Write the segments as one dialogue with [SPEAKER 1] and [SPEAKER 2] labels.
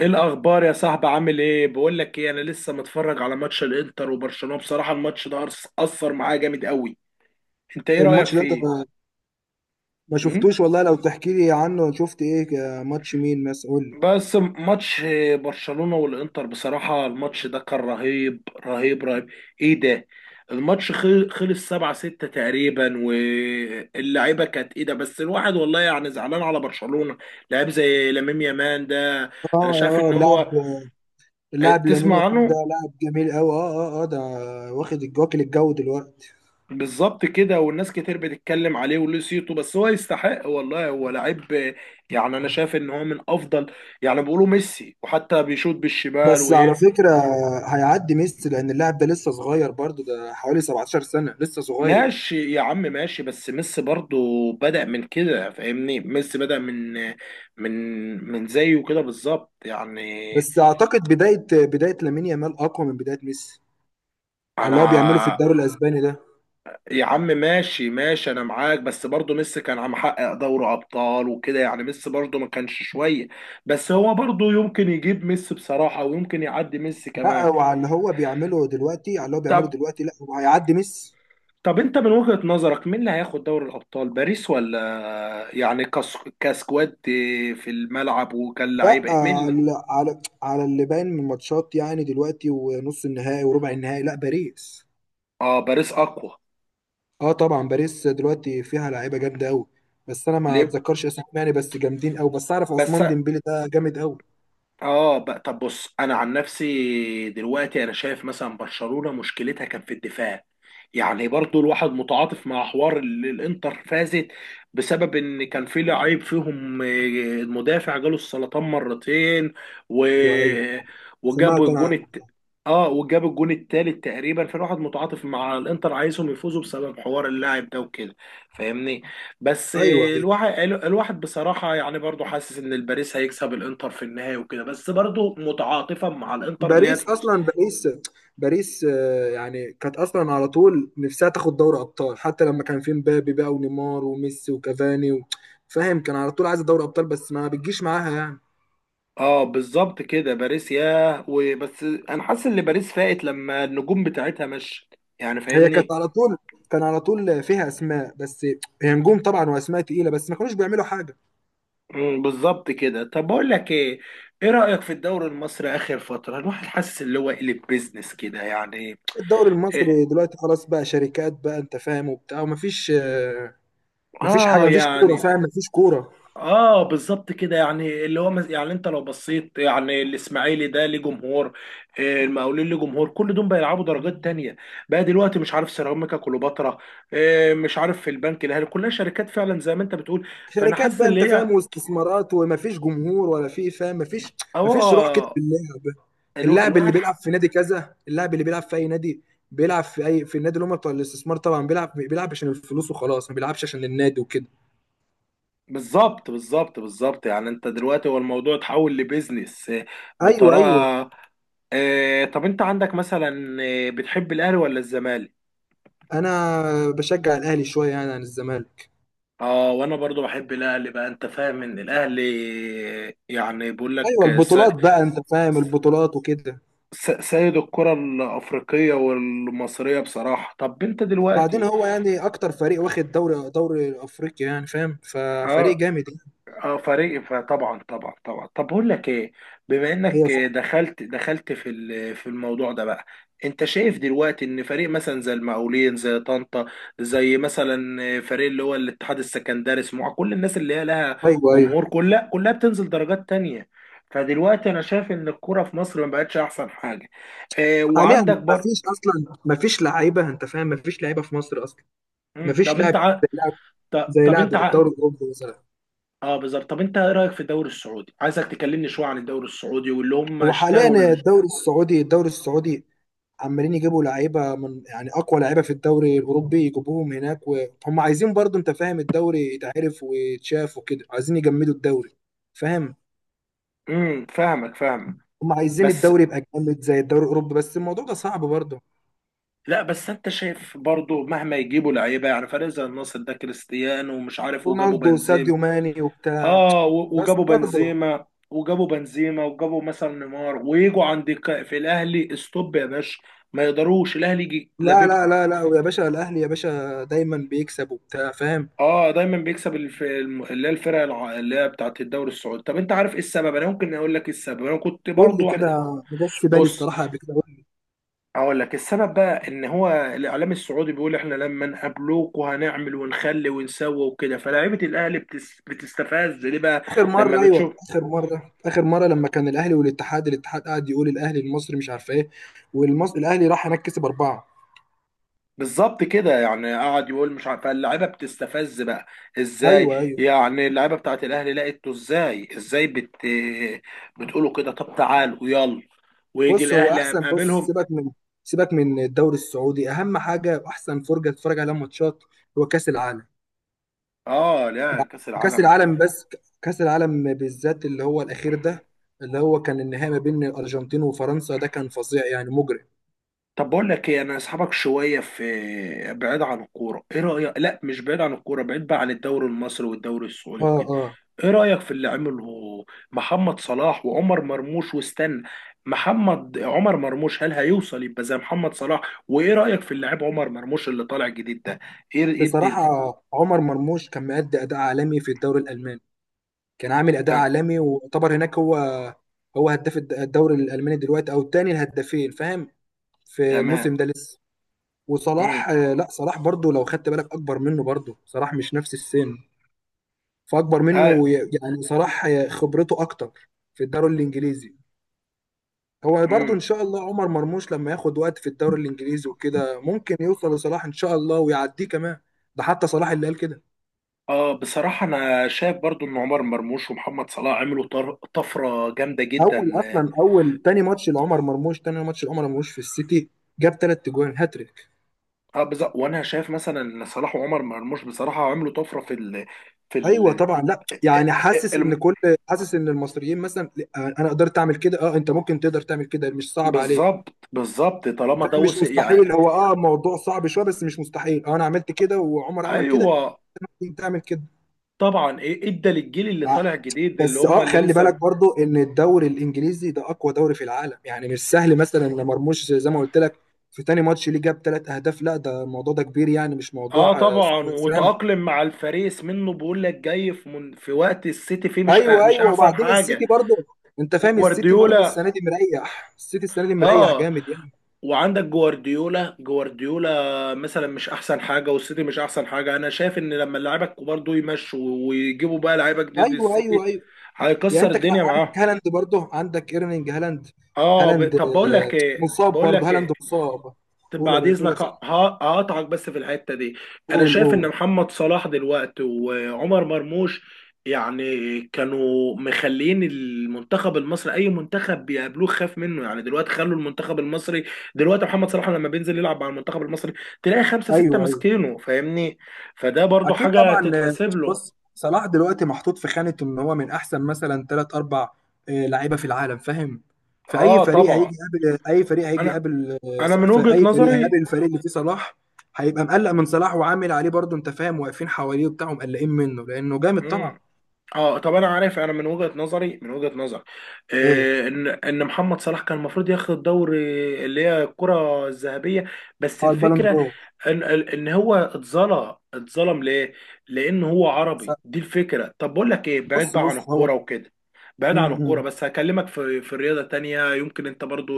[SPEAKER 1] ايه الاخبار يا صاحبي؟ عامل ايه؟ بقول لك ايه، انا لسه متفرج على ماتش الانتر وبرشلونة. بصراحة الماتش ده اثر معايا جامد قوي. انت ايه رأيك
[SPEAKER 2] الماتش ده انت
[SPEAKER 1] فيه؟
[SPEAKER 2] ما
[SPEAKER 1] امم
[SPEAKER 2] شفتوش والله. لو تحكي لي عنه، شفت ايه؟ ماتش مين مثلا؟ قول لي.
[SPEAKER 1] بس ماتش برشلونة والانتر، بصراحة الماتش ده كان رهيب رهيب رهيب. ايه ده؟ الماتش خلص 7-6 تقريبا، واللعيبة كانت ايه ده؟ بس الواحد والله يعني زعلان على برشلونة. لعيب زي لامين يامال ده،
[SPEAKER 2] اه،
[SPEAKER 1] انا شايف ان
[SPEAKER 2] اه. لاعب.
[SPEAKER 1] هو آه،
[SPEAKER 2] اللاعب لامين
[SPEAKER 1] تسمع
[SPEAKER 2] يامال ده
[SPEAKER 1] عنه.
[SPEAKER 2] لاعب جميل قوي. اه، اه، اه. ده واكل الجو دلوقتي.
[SPEAKER 1] بالظبط كده، والناس كتير بتتكلم عليه وليه صيته، بس هو يستحق والله، هو لعيب. يعني انا شايف ان هو من افضل، يعني بيقولوا ميسي، وحتى بيشوط بالشمال
[SPEAKER 2] بس على
[SPEAKER 1] ويرف.
[SPEAKER 2] فكرة، هيعدي ميسي، لان اللاعب ده لسه صغير، برضو ده حوالي 17 سنة، لسه صغير.
[SPEAKER 1] ماشي يا عم ماشي، بس ميسي برضو بدأ من كده، فاهمني؟ ميسي بدأ من من من زيه كده بالظبط يعني.
[SPEAKER 2] بس اعتقد بداية لامين يامال اقوى من بداية ميسي، على اللي هو بيعمله في
[SPEAKER 1] انا
[SPEAKER 2] الدوري الاسباني ده.
[SPEAKER 1] يا عم ماشي ماشي، انا معاك، بس برضه ميسي كان عم حقق دوري ابطال وكده، يعني ميسي برضه ما كانش شويه، بس هو برضه يمكن يجيب ميسي بصراحه، ويمكن يعدي ميسي
[SPEAKER 2] لا،
[SPEAKER 1] كمان.
[SPEAKER 2] وعلى اللي هو بيعمله دلوقتي، على اللي هو بيعمله
[SPEAKER 1] طب
[SPEAKER 2] دلوقتي، لا هو هيعدي ميسي.
[SPEAKER 1] طب انت من وجهة نظرك مين اللي هياخد دوري الابطال؟ باريس ولا يعني كس... كسكواد في الملعب
[SPEAKER 2] لا،
[SPEAKER 1] وكلاعيبه، مين اللي...؟
[SPEAKER 2] على اللي باين من الماتشات، يعني دلوقتي، ونص النهائي وربع النهائي، لا باريس.
[SPEAKER 1] اه، باريس اقوى.
[SPEAKER 2] اه طبعا، باريس دلوقتي فيها لعيبه جامده قوي. بس انا ما
[SPEAKER 1] ليه
[SPEAKER 2] اتذكرش اسمهم يعني، بس جامدين قوي. بس اعرف
[SPEAKER 1] بس؟
[SPEAKER 2] عثمان ديمبلي، ده جامد قوي.
[SPEAKER 1] اه بقى، طب بص، انا عن نفسي دلوقتي انا شايف مثلا برشلونة مشكلتها كان في الدفاع. يعني برضو الواحد متعاطف مع حوار الانتر، فازت بسبب ان كان في لعيب فيهم آه، المدافع جاله السرطان مرتين و...
[SPEAKER 2] ايوه، ايوه.
[SPEAKER 1] وجاب
[SPEAKER 2] سمعت
[SPEAKER 1] الجون
[SPEAKER 2] انا.
[SPEAKER 1] الت... اه وجاب الجون التالت تقريبا، فالواحد متعاطف مع الانتر، عايزهم يفوزوا بسبب حوار اللاعب ده وكده، فاهمني؟ بس
[SPEAKER 2] ايوه، ايوه.
[SPEAKER 1] الواحد بصراحة يعني برضو حاسس ان الباريس هيكسب الانتر في النهاية وكده، بس برضو متعاطفا مع الانتر اللي هي
[SPEAKER 2] باريس
[SPEAKER 1] تفوز.
[SPEAKER 2] اصلا، باريس يعني كانت اصلا على طول نفسها تاخد دوري ابطال، حتى لما كان في مبابي بقى، ونيمار وميسي وكافاني فاهم، كان على طول عايزه دوري ابطال، بس ما بتجيش معاها يعني.
[SPEAKER 1] اه بالظبط كده، باريس ياه. وبس انا حاسس ان باريس فاقت لما النجوم بتاعتها مشت، يعني
[SPEAKER 2] هي كانت
[SPEAKER 1] فاهمني؟
[SPEAKER 2] على طول كان على طول فيها اسماء، بس هي نجوم طبعا واسماء تقيله، بس ما كانوش بيعملوا حاجه.
[SPEAKER 1] مم، بالظبط كده. طب بقول لك ايه، ايه رأيك في الدوري المصري اخر فترة؟ الواحد حاسس اللي هو قلب بيزنس كده يعني.
[SPEAKER 2] الدوري
[SPEAKER 1] إيه؟
[SPEAKER 2] المصري دلوقتي خلاص بقى شركات بقى، انت فاهم، وبتاع، ومفيش. مفيش حاجه،
[SPEAKER 1] اه
[SPEAKER 2] مفيش كوره،
[SPEAKER 1] يعني،
[SPEAKER 2] فاهم، مفيش كوره.
[SPEAKER 1] اه بالظبط كده، يعني اللي هو مز... يعني انت لو بصيت، يعني الاسماعيلي ده ليه جمهور آه، المقاولين ليه جمهور، كل دول بيلعبوا درجات تانية بقى دلوقتي. مش عارف سيراميكا كليوباترا آه، مش عارف في البنك الاهلي، كلها شركات فعلا زي ما انت بتقول. فانا
[SPEAKER 2] شركات
[SPEAKER 1] حاسس
[SPEAKER 2] بقى،
[SPEAKER 1] ان
[SPEAKER 2] انت فاهم،
[SPEAKER 1] هي
[SPEAKER 2] واستثمارات، ومفيش جمهور ولا في، فاهم، مفيش. مفيش روح كده
[SPEAKER 1] اه،
[SPEAKER 2] في اللعب.
[SPEAKER 1] الو...
[SPEAKER 2] اللاعب اللي
[SPEAKER 1] الواحد
[SPEAKER 2] بيلعب
[SPEAKER 1] حق.
[SPEAKER 2] في نادي كذا، اللاعب اللي بيلعب في اي نادي، بيلعب في اي في النادي اللي هم بتوع الاستثمار، طبعا بيلعب عشان الفلوس وخلاص، ما بيلعبش عشان النادي وكده.
[SPEAKER 1] بالظبط بالظبط بالظبط، يعني انت دلوقتي هو الموضوع اتحول لبيزنس آه،
[SPEAKER 2] ايوه، ايوه.
[SPEAKER 1] بطريقة. آه، طب انت عندك مثلا آه، بتحب الاهلي ولا الزمالك؟
[SPEAKER 2] انا بشجع الاهلي شويه يعني عن الزمالك.
[SPEAKER 1] اه وانا برضو بحب الاهلي بقى، انت فاهم ان الاهلي يعني بيقول لك
[SPEAKER 2] ايوه،
[SPEAKER 1] س-
[SPEAKER 2] البطولات بقى، انت فاهم، البطولات وكده.
[SPEAKER 1] سيد الكرة الافريقية والمصرية بصراحة. طب انت
[SPEAKER 2] وبعدين
[SPEAKER 1] دلوقتي
[SPEAKER 2] هو يعني اكتر فريق واخد دوري افريقيا، يعني فاهم، ففريق
[SPEAKER 1] اه،
[SPEAKER 2] جامد يعني.
[SPEAKER 1] اه فريق، فطبعا طبعا طبعا. طب بقول لك ايه، بما
[SPEAKER 2] هي
[SPEAKER 1] انك
[SPEAKER 2] صح.
[SPEAKER 1] دخلت في في الموضوع ده بقى، انت شايف دلوقتي ان فريق مثلا زي المقاولين، زي طنطا، زي مثلا فريق اللي هو الاتحاد السكندري، سموحه، كل الناس اللي هي لها
[SPEAKER 2] ايوه، ايوه.
[SPEAKER 1] جمهور، كلها كلها بتنزل درجات تانية. فدلوقتي انا شايف ان الكرة في مصر ما بقتش احسن حاجة. اه
[SPEAKER 2] حاليا
[SPEAKER 1] وعندك برضه،
[SPEAKER 2] مفيش، اصلا مفيش لعيبه، انت فاهم، مفيش لعيبه في مصر اصلا.
[SPEAKER 1] مم،
[SPEAKER 2] مفيش
[SPEAKER 1] طب
[SPEAKER 2] لاعب،
[SPEAKER 1] انت ع...
[SPEAKER 2] زي لاعب زي
[SPEAKER 1] طب
[SPEAKER 2] لاعب
[SPEAKER 1] انت ع...
[SPEAKER 2] الدوري الاوروبي مثلا.
[SPEAKER 1] اه بالظبط. طب انت ايه رايك في الدوري السعودي؟ عايزك تكلمني شويه عن الدوري السعودي واللي هم
[SPEAKER 2] هو
[SPEAKER 1] اشتروا.
[SPEAKER 2] حاليا الدوري السعودي عمالين يجيبوا لعيبه من، يعني اقوى لعيبه في الدوري الاوروبي يجيبوهم هناك، وهم عايزين، برضو انت فاهم، الدوري يتعرف ويتشاف وكده، عايزين يجمدوا الدوري، فاهم.
[SPEAKER 1] فاهمك فاهمك،
[SPEAKER 2] هم عايزين
[SPEAKER 1] بس
[SPEAKER 2] الدوري يبقى جامد زي الدوري الاوروبي، بس الموضوع ده صعب برضو.
[SPEAKER 1] لا، بس انت شايف برضو مهما يجيبوا لعيبه، يعني فريق زي النصر ده، كريستيانو ومش عارف، وجابوا
[SPEAKER 2] رونالدو
[SPEAKER 1] بنزيما.
[SPEAKER 2] وساديو ماني وبتاع.
[SPEAKER 1] اه، و-
[SPEAKER 2] بس
[SPEAKER 1] وجابوا
[SPEAKER 2] برضو.
[SPEAKER 1] بنزيما وجابوا بنزيما وجابوا مثلا نيمار، ويجوا عند في الاهلي، استوب يا باشا، ما يقدروش الاهلي يجي
[SPEAKER 2] لا، لا،
[SPEAKER 1] لاببهم.
[SPEAKER 2] لا، لا، ويا باشا الاهلي يا باشا دايما بيكسب وبتاع، فاهم.
[SPEAKER 1] اه دايما بيكسب اللي هي الفرق اللي هي بتاعت الدوري السعودي. طب انت عارف ايه السبب؟ انا ممكن اقول لك ايه السبب، انا كنت
[SPEAKER 2] قول لي
[SPEAKER 1] برضو واحد.
[SPEAKER 2] كده، ما جاش في بالي
[SPEAKER 1] بص
[SPEAKER 2] الصراحه قبل كده.
[SPEAKER 1] اقول لك السبب بقى، ان هو الاعلام السعودي بيقول احنا لما نقابلوك وهنعمل ونخلي ونسوي وكده، فلاعيبه الاهلي بتستفز ليه بقى
[SPEAKER 2] اخر مره،
[SPEAKER 1] لما
[SPEAKER 2] ايوه.
[SPEAKER 1] بتشوف.
[SPEAKER 2] اخر مره لما كان الاهلي والاتحاد، الاتحاد قعد يقول الاهلي المصري مش عارف ايه، والمصري الاهلي راح هناك كسب اربعه.
[SPEAKER 1] بالظبط كده، يعني قعد يقول مش عارف، فاللعيبه بتستفز بقى.
[SPEAKER 2] ايوه،
[SPEAKER 1] ازاي
[SPEAKER 2] ايوه.
[SPEAKER 1] يعني اللعيبه بتاعت الاهلي لقيته ازاي، ازاي بتقولوا كده؟ طب تعالوا يلا، ويجي
[SPEAKER 2] بص هو
[SPEAKER 1] الاهلي
[SPEAKER 2] احسن بص،
[SPEAKER 1] قابلهم.
[SPEAKER 2] سيبك من الدوري السعودي. اهم حاجه واحسن فرجه تتفرج عليها ماتشات هو كاس العالم.
[SPEAKER 1] اه لا، كاس
[SPEAKER 2] كاس
[SPEAKER 1] العالم.
[SPEAKER 2] العالم بس، كاس العالم بالذات، اللي هو الاخير ده، اللي هو كان النهائي ما بين الارجنتين وفرنسا، ده كان فظيع يعني، مجرم.
[SPEAKER 1] طب بقول لك ايه، انا اسحبك شويه في بعيد عن الكوره. ايه رايك؟ لا مش بعيد عن الكوره، بعيد بقى عن الدوري المصري والدوري السعودي
[SPEAKER 2] اه،
[SPEAKER 1] وكده.
[SPEAKER 2] اه.
[SPEAKER 1] ايه رايك في اللي عمله محمد صلاح وعمر مرموش؟ واستنى، محمد، عمر مرموش، هل هيوصل يبقى زي محمد صلاح؟ وايه رايك في اللاعب عمر مرموش اللي طالع جديد ده؟ ايه ايه الدنيا؟
[SPEAKER 2] بصراحه، عمر مرموش كان مادي اداء عالمي في الدوري الالماني. كان عامل اداء
[SPEAKER 1] ت-
[SPEAKER 2] عالمي، ويعتبر هناك، هو هداف الدوري الالماني دلوقتي، او الثاني الهدافين، فاهم، في
[SPEAKER 1] تمام.
[SPEAKER 2] الموسم ده لسه.
[SPEAKER 1] امم
[SPEAKER 2] وصلاح، لا صلاح برضو لو خدت بالك اكبر منه، برضو صلاح مش نفس السن، فاكبر منه،
[SPEAKER 1] اه.
[SPEAKER 2] يعني صلاح خبرته اكتر في الدوري الانجليزي. هو برضو
[SPEAKER 1] امم
[SPEAKER 2] ان شاء الله عمر مرموش لما ياخد وقت في الدوري الانجليزي وكده، ممكن يوصل لصلاح ان شاء الله، ويعديه كمان. ده حتى صلاح اللي قال كده.
[SPEAKER 1] اه بصراحه انا شايف برضو ان عمر مرموش ومحمد صلاح عملوا طفره جامده جدا.
[SPEAKER 2] اول تاني ماتش لعمر مرموش في السيتي جاب ثلاث اجوان، هاتريك.
[SPEAKER 1] اه بالظبط، وانا شايف مثلا ان صلاح وعمر مرموش بصراحه عملوا طفره في في
[SPEAKER 2] ايوه
[SPEAKER 1] ال
[SPEAKER 2] طبعا. لا يعني،
[SPEAKER 1] الم-
[SPEAKER 2] حاسس ان المصريين مثلا، لأ، انا قدرت اعمل كده، اه، انت ممكن تقدر تعمل كده، مش صعب عليك،
[SPEAKER 1] بالظبط بالظبط، طالما ده
[SPEAKER 2] فاهم، مش
[SPEAKER 1] وصل يعني.
[SPEAKER 2] مستحيل. هو اه موضوع صعب شويه، بس مش مستحيل. اه انا عملت كده، وعمر عمل كده،
[SPEAKER 1] ايوه
[SPEAKER 2] انت تعمل كده.
[SPEAKER 1] طبعا، ايه ادى للجيل اللي
[SPEAKER 2] مع-
[SPEAKER 1] طالع جديد، اللي
[SPEAKER 2] بس
[SPEAKER 1] هم
[SPEAKER 2] اه،
[SPEAKER 1] اللي
[SPEAKER 2] خلي بالك
[SPEAKER 1] لسه
[SPEAKER 2] برضو ان الدوري الانجليزي ده اقوى دوري في العالم، يعني مش سهل مثلا ان مرموش زي ما قلت لك في تاني ماتش ليه جاب ثلاث اهداف. لا ده الموضوع ده كبير يعني، مش
[SPEAKER 1] اه
[SPEAKER 2] موضوع.
[SPEAKER 1] طبعا،
[SPEAKER 2] فاهم.
[SPEAKER 1] وتأقلم مع الفريس منه، بيقول لك جاي في من في وقت السيتي فيه مش
[SPEAKER 2] ايوه،
[SPEAKER 1] مش
[SPEAKER 2] ايوه.
[SPEAKER 1] احسن
[SPEAKER 2] وبعدين
[SPEAKER 1] حاجه.
[SPEAKER 2] السيتي برضه، انت فاهم، السيتي برضه
[SPEAKER 1] وجوارديولا،
[SPEAKER 2] السنه دي مريح، السيتي السنه دي مريح
[SPEAKER 1] اه
[SPEAKER 2] جامد يعني.
[SPEAKER 1] وعندك جوارديولا، جوارديولا مثلا مش احسن حاجه، والسيتي مش احسن حاجه. انا شايف ان لما اللعيبه الكبار دول يمشوا، ويجيبوا بقى لعيبه جديد،
[SPEAKER 2] ايوه، ايوه،
[SPEAKER 1] السيتي
[SPEAKER 2] ايوه. يعني
[SPEAKER 1] هيكسر
[SPEAKER 2] انت كان
[SPEAKER 1] الدنيا
[SPEAKER 2] عندك
[SPEAKER 1] معاهم.
[SPEAKER 2] هالاند، برضه عندك ايرلينج هالاند.
[SPEAKER 1] اه ب...
[SPEAKER 2] هالاند
[SPEAKER 1] طب بقول لك ايه،
[SPEAKER 2] مصاب،
[SPEAKER 1] بقول
[SPEAKER 2] برضه
[SPEAKER 1] لك
[SPEAKER 2] هالاند
[SPEAKER 1] ايه،
[SPEAKER 2] مصاب.
[SPEAKER 1] طب
[SPEAKER 2] قول يا
[SPEAKER 1] بعد
[SPEAKER 2] باشا، قول يا
[SPEAKER 1] اذنك
[SPEAKER 2] صاحبي،
[SPEAKER 1] هقطعك بس في الحته دي. انا
[SPEAKER 2] قول،
[SPEAKER 1] شايف ان
[SPEAKER 2] قول.
[SPEAKER 1] محمد صلاح دلوقتي وعمر مرموش يعني كانوا مخلين المنتخب المصري اي منتخب بيقابلوه خاف منه، يعني دلوقتي خلوا المنتخب المصري، دلوقتي محمد صلاح لما بينزل يلعب مع المنتخب المصري، تلاقي خمسه سته
[SPEAKER 2] ايوه، أيوه.
[SPEAKER 1] ماسكينه، فاهمني؟ فده برضو
[SPEAKER 2] اكيد
[SPEAKER 1] حاجه
[SPEAKER 2] طبعا.
[SPEAKER 1] تتحسب له.
[SPEAKER 2] بص، صلاح دلوقتي محطوط في خانة ان هو من احسن مثلا ثلاث اربع لعيبة في العالم، فاهم. في اي
[SPEAKER 1] اه
[SPEAKER 2] فريق هيجي
[SPEAKER 1] طبعا،
[SPEAKER 2] يقابل اي فريق هيجي
[SPEAKER 1] انا،
[SPEAKER 2] يقابل آه،
[SPEAKER 1] انا
[SPEAKER 2] ص-
[SPEAKER 1] من
[SPEAKER 2] في
[SPEAKER 1] وجهه
[SPEAKER 2] اي فريق هيقابل
[SPEAKER 1] نظري،
[SPEAKER 2] الفريق اللي فيه صلاح، هيبقى مقلق من صلاح وعامل عليه برضه، انت فاهم، واقفين حواليه وبتاع، مقلقين منه لانه جامد طبعا.
[SPEAKER 1] مم. اه طب انا عارف، انا من وجهة نظري، من وجهة نظري
[SPEAKER 2] ايه؟
[SPEAKER 1] آه، ان ان محمد صلاح كان المفروض ياخد الدوري اللي هي الكرة الذهبية، بس
[SPEAKER 2] اه، البالون
[SPEAKER 1] الفكرة
[SPEAKER 2] دور.
[SPEAKER 1] ان ان هو اتظلم، اتظلم ليه؟ لان هو عربي،
[SPEAKER 2] س-
[SPEAKER 1] دي الفكرة. طب بقول لك ايه، بعيد
[SPEAKER 2] بص
[SPEAKER 1] بقى عن
[SPEAKER 2] بص هو.
[SPEAKER 1] الكورة وكده، بعيد عن الكورة،
[SPEAKER 2] امم.
[SPEAKER 1] بس هكلمك في في رياضة تانية يمكن انت برضو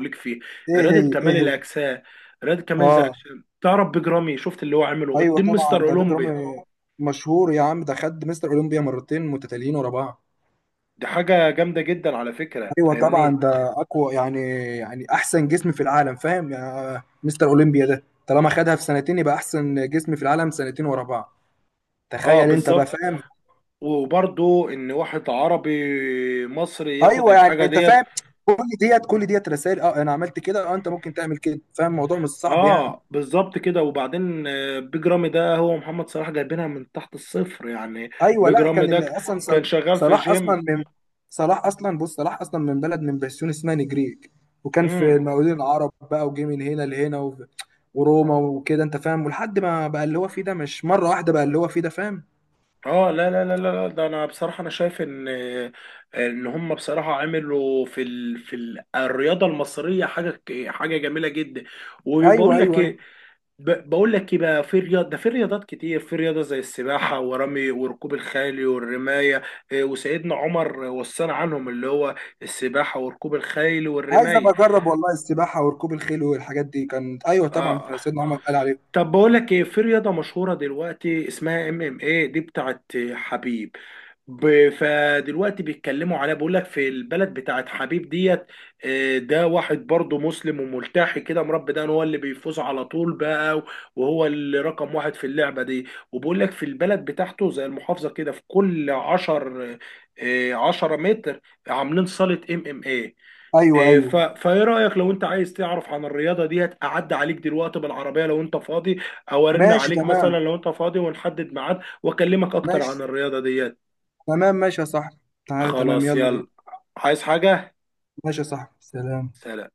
[SPEAKER 1] ليك فيه،
[SPEAKER 2] ايه
[SPEAKER 1] رياضة
[SPEAKER 2] هي ايه
[SPEAKER 1] كمال
[SPEAKER 2] هي
[SPEAKER 1] الاجسام. رياضة كمال
[SPEAKER 2] اه،
[SPEAKER 1] الاجسام، تعرف بيج رامي؟ شفت اللي هو عمله
[SPEAKER 2] ايوه
[SPEAKER 1] قدام مستر
[SPEAKER 2] طبعا، ده بيج
[SPEAKER 1] اولمبيا؟
[SPEAKER 2] رامي مشهور يا عم. ده خد مستر اولمبيا مرتين متتاليين ورا بعض.
[SPEAKER 1] دي حاجة جامدة جدا على فكرة،
[SPEAKER 2] ايوه طبعا،
[SPEAKER 1] فاهمني؟
[SPEAKER 2] ده اقوى يعني، يعني احسن جسم في العالم، فاهم. يعني مستر اولمبيا ده طالما خدها في سنتين، يبقى احسن جسم في العالم، سنتين ورا بعض.
[SPEAKER 1] اه
[SPEAKER 2] تخيل انت بقى،
[SPEAKER 1] بالظبط،
[SPEAKER 2] فاهم.
[SPEAKER 1] وبرضو ان واحد عربي مصري ياخد
[SPEAKER 2] ايوه، يعني
[SPEAKER 1] الحاجه
[SPEAKER 2] انت
[SPEAKER 1] ديت.
[SPEAKER 2] فاهم، كل كل ديت رسائل: اه انا عملت كده، اه انت ممكن تعمل كده، فاهم، الموضوع مش صعب يعني.
[SPEAKER 1] اه بالظبط كده، وبعدين آه، بيج رامي ده هو محمد صلاح، جايبينها من تحت الصفر يعني.
[SPEAKER 2] ايوه،
[SPEAKER 1] بيج
[SPEAKER 2] لا
[SPEAKER 1] رامي
[SPEAKER 2] كان
[SPEAKER 1] ده
[SPEAKER 2] اللي اصلا صلاح،
[SPEAKER 1] كان شغال في
[SPEAKER 2] صلاح اصلا
[SPEAKER 1] جيم.
[SPEAKER 2] من صلاح اصلا بص صلاح اصلا من بلد من بسيون اسمها نجريج. وكان في
[SPEAKER 1] امم
[SPEAKER 2] المقاولين العرب بقى، وجه من هنا لهنا وروما وكده، انت فاهم، ولحد ما بقى اللي هو فيه ده، مش مره واحده بقى اللي هو فيه ده، فاهم.
[SPEAKER 1] اه لا لا لا لا لا، ده انا بصراحه انا شايف ان آه، ان هم بصراحه عملوا في ال... في الرياضه المصريه حاجه حاجه جميله جدا.
[SPEAKER 2] ايوه،
[SPEAKER 1] وبقول لك
[SPEAKER 2] ايوه، ايوه.
[SPEAKER 1] ايه، بقول لك ايه بقى، في رياض ده، في رياضات كتير، في رياضه زي السباحه ورمي وركوب الخيل والرمايه، إيه، وسيدنا عمر وصانا عنهم، اللي هو السباحه وركوب الخيل
[SPEAKER 2] عايز
[SPEAKER 1] والرمايه.
[SPEAKER 2] ابقى اجرب والله السباحه وركوب الخيل والحاجات دي، كانت ايوه طبعا،
[SPEAKER 1] اه
[SPEAKER 2] سيدنا عمر قال عليه.
[SPEAKER 1] طب بقول لك ايه، في رياضه مشهوره دلوقتي اسمها ام ام ايه، دي بتاعت حبيب. فدلوقتي بيتكلموا عليها، بيقول لك في البلد بتاعت حبيب ديت آه، ده واحد برضه مسلم وملتحي كده مربي، ده هو اللي بيفوز على طول بقى، وهو اللي رقم واحد في اللعبة دي. وبيقول لك في البلد بتاعته زي المحافظة كده، في كل عشر آه، 10 متر عاملين صالة ام ام ايه
[SPEAKER 2] ايوه،
[SPEAKER 1] آه،
[SPEAKER 2] ايوه.
[SPEAKER 1] فايه رأيك لو انت عايز تعرف عن الرياضة ديت، اعدي عليك دلوقتي بالعربية لو انت فاضي، او ارن
[SPEAKER 2] ماشي،
[SPEAKER 1] عليك مثلا
[SPEAKER 2] تمام.
[SPEAKER 1] لو انت فاضي، ونحدد ميعاد واكلمك اكتر
[SPEAKER 2] ماشي،
[SPEAKER 1] عن الرياضة ديت.
[SPEAKER 2] تمام. ماشي يا صاحبي، تعالى تمام،
[SPEAKER 1] خلاص
[SPEAKER 2] يلا بينا.
[SPEAKER 1] يلا، عايز حاجة؟
[SPEAKER 2] ماشي يا صاحبي، سلام.
[SPEAKER 1] سلام.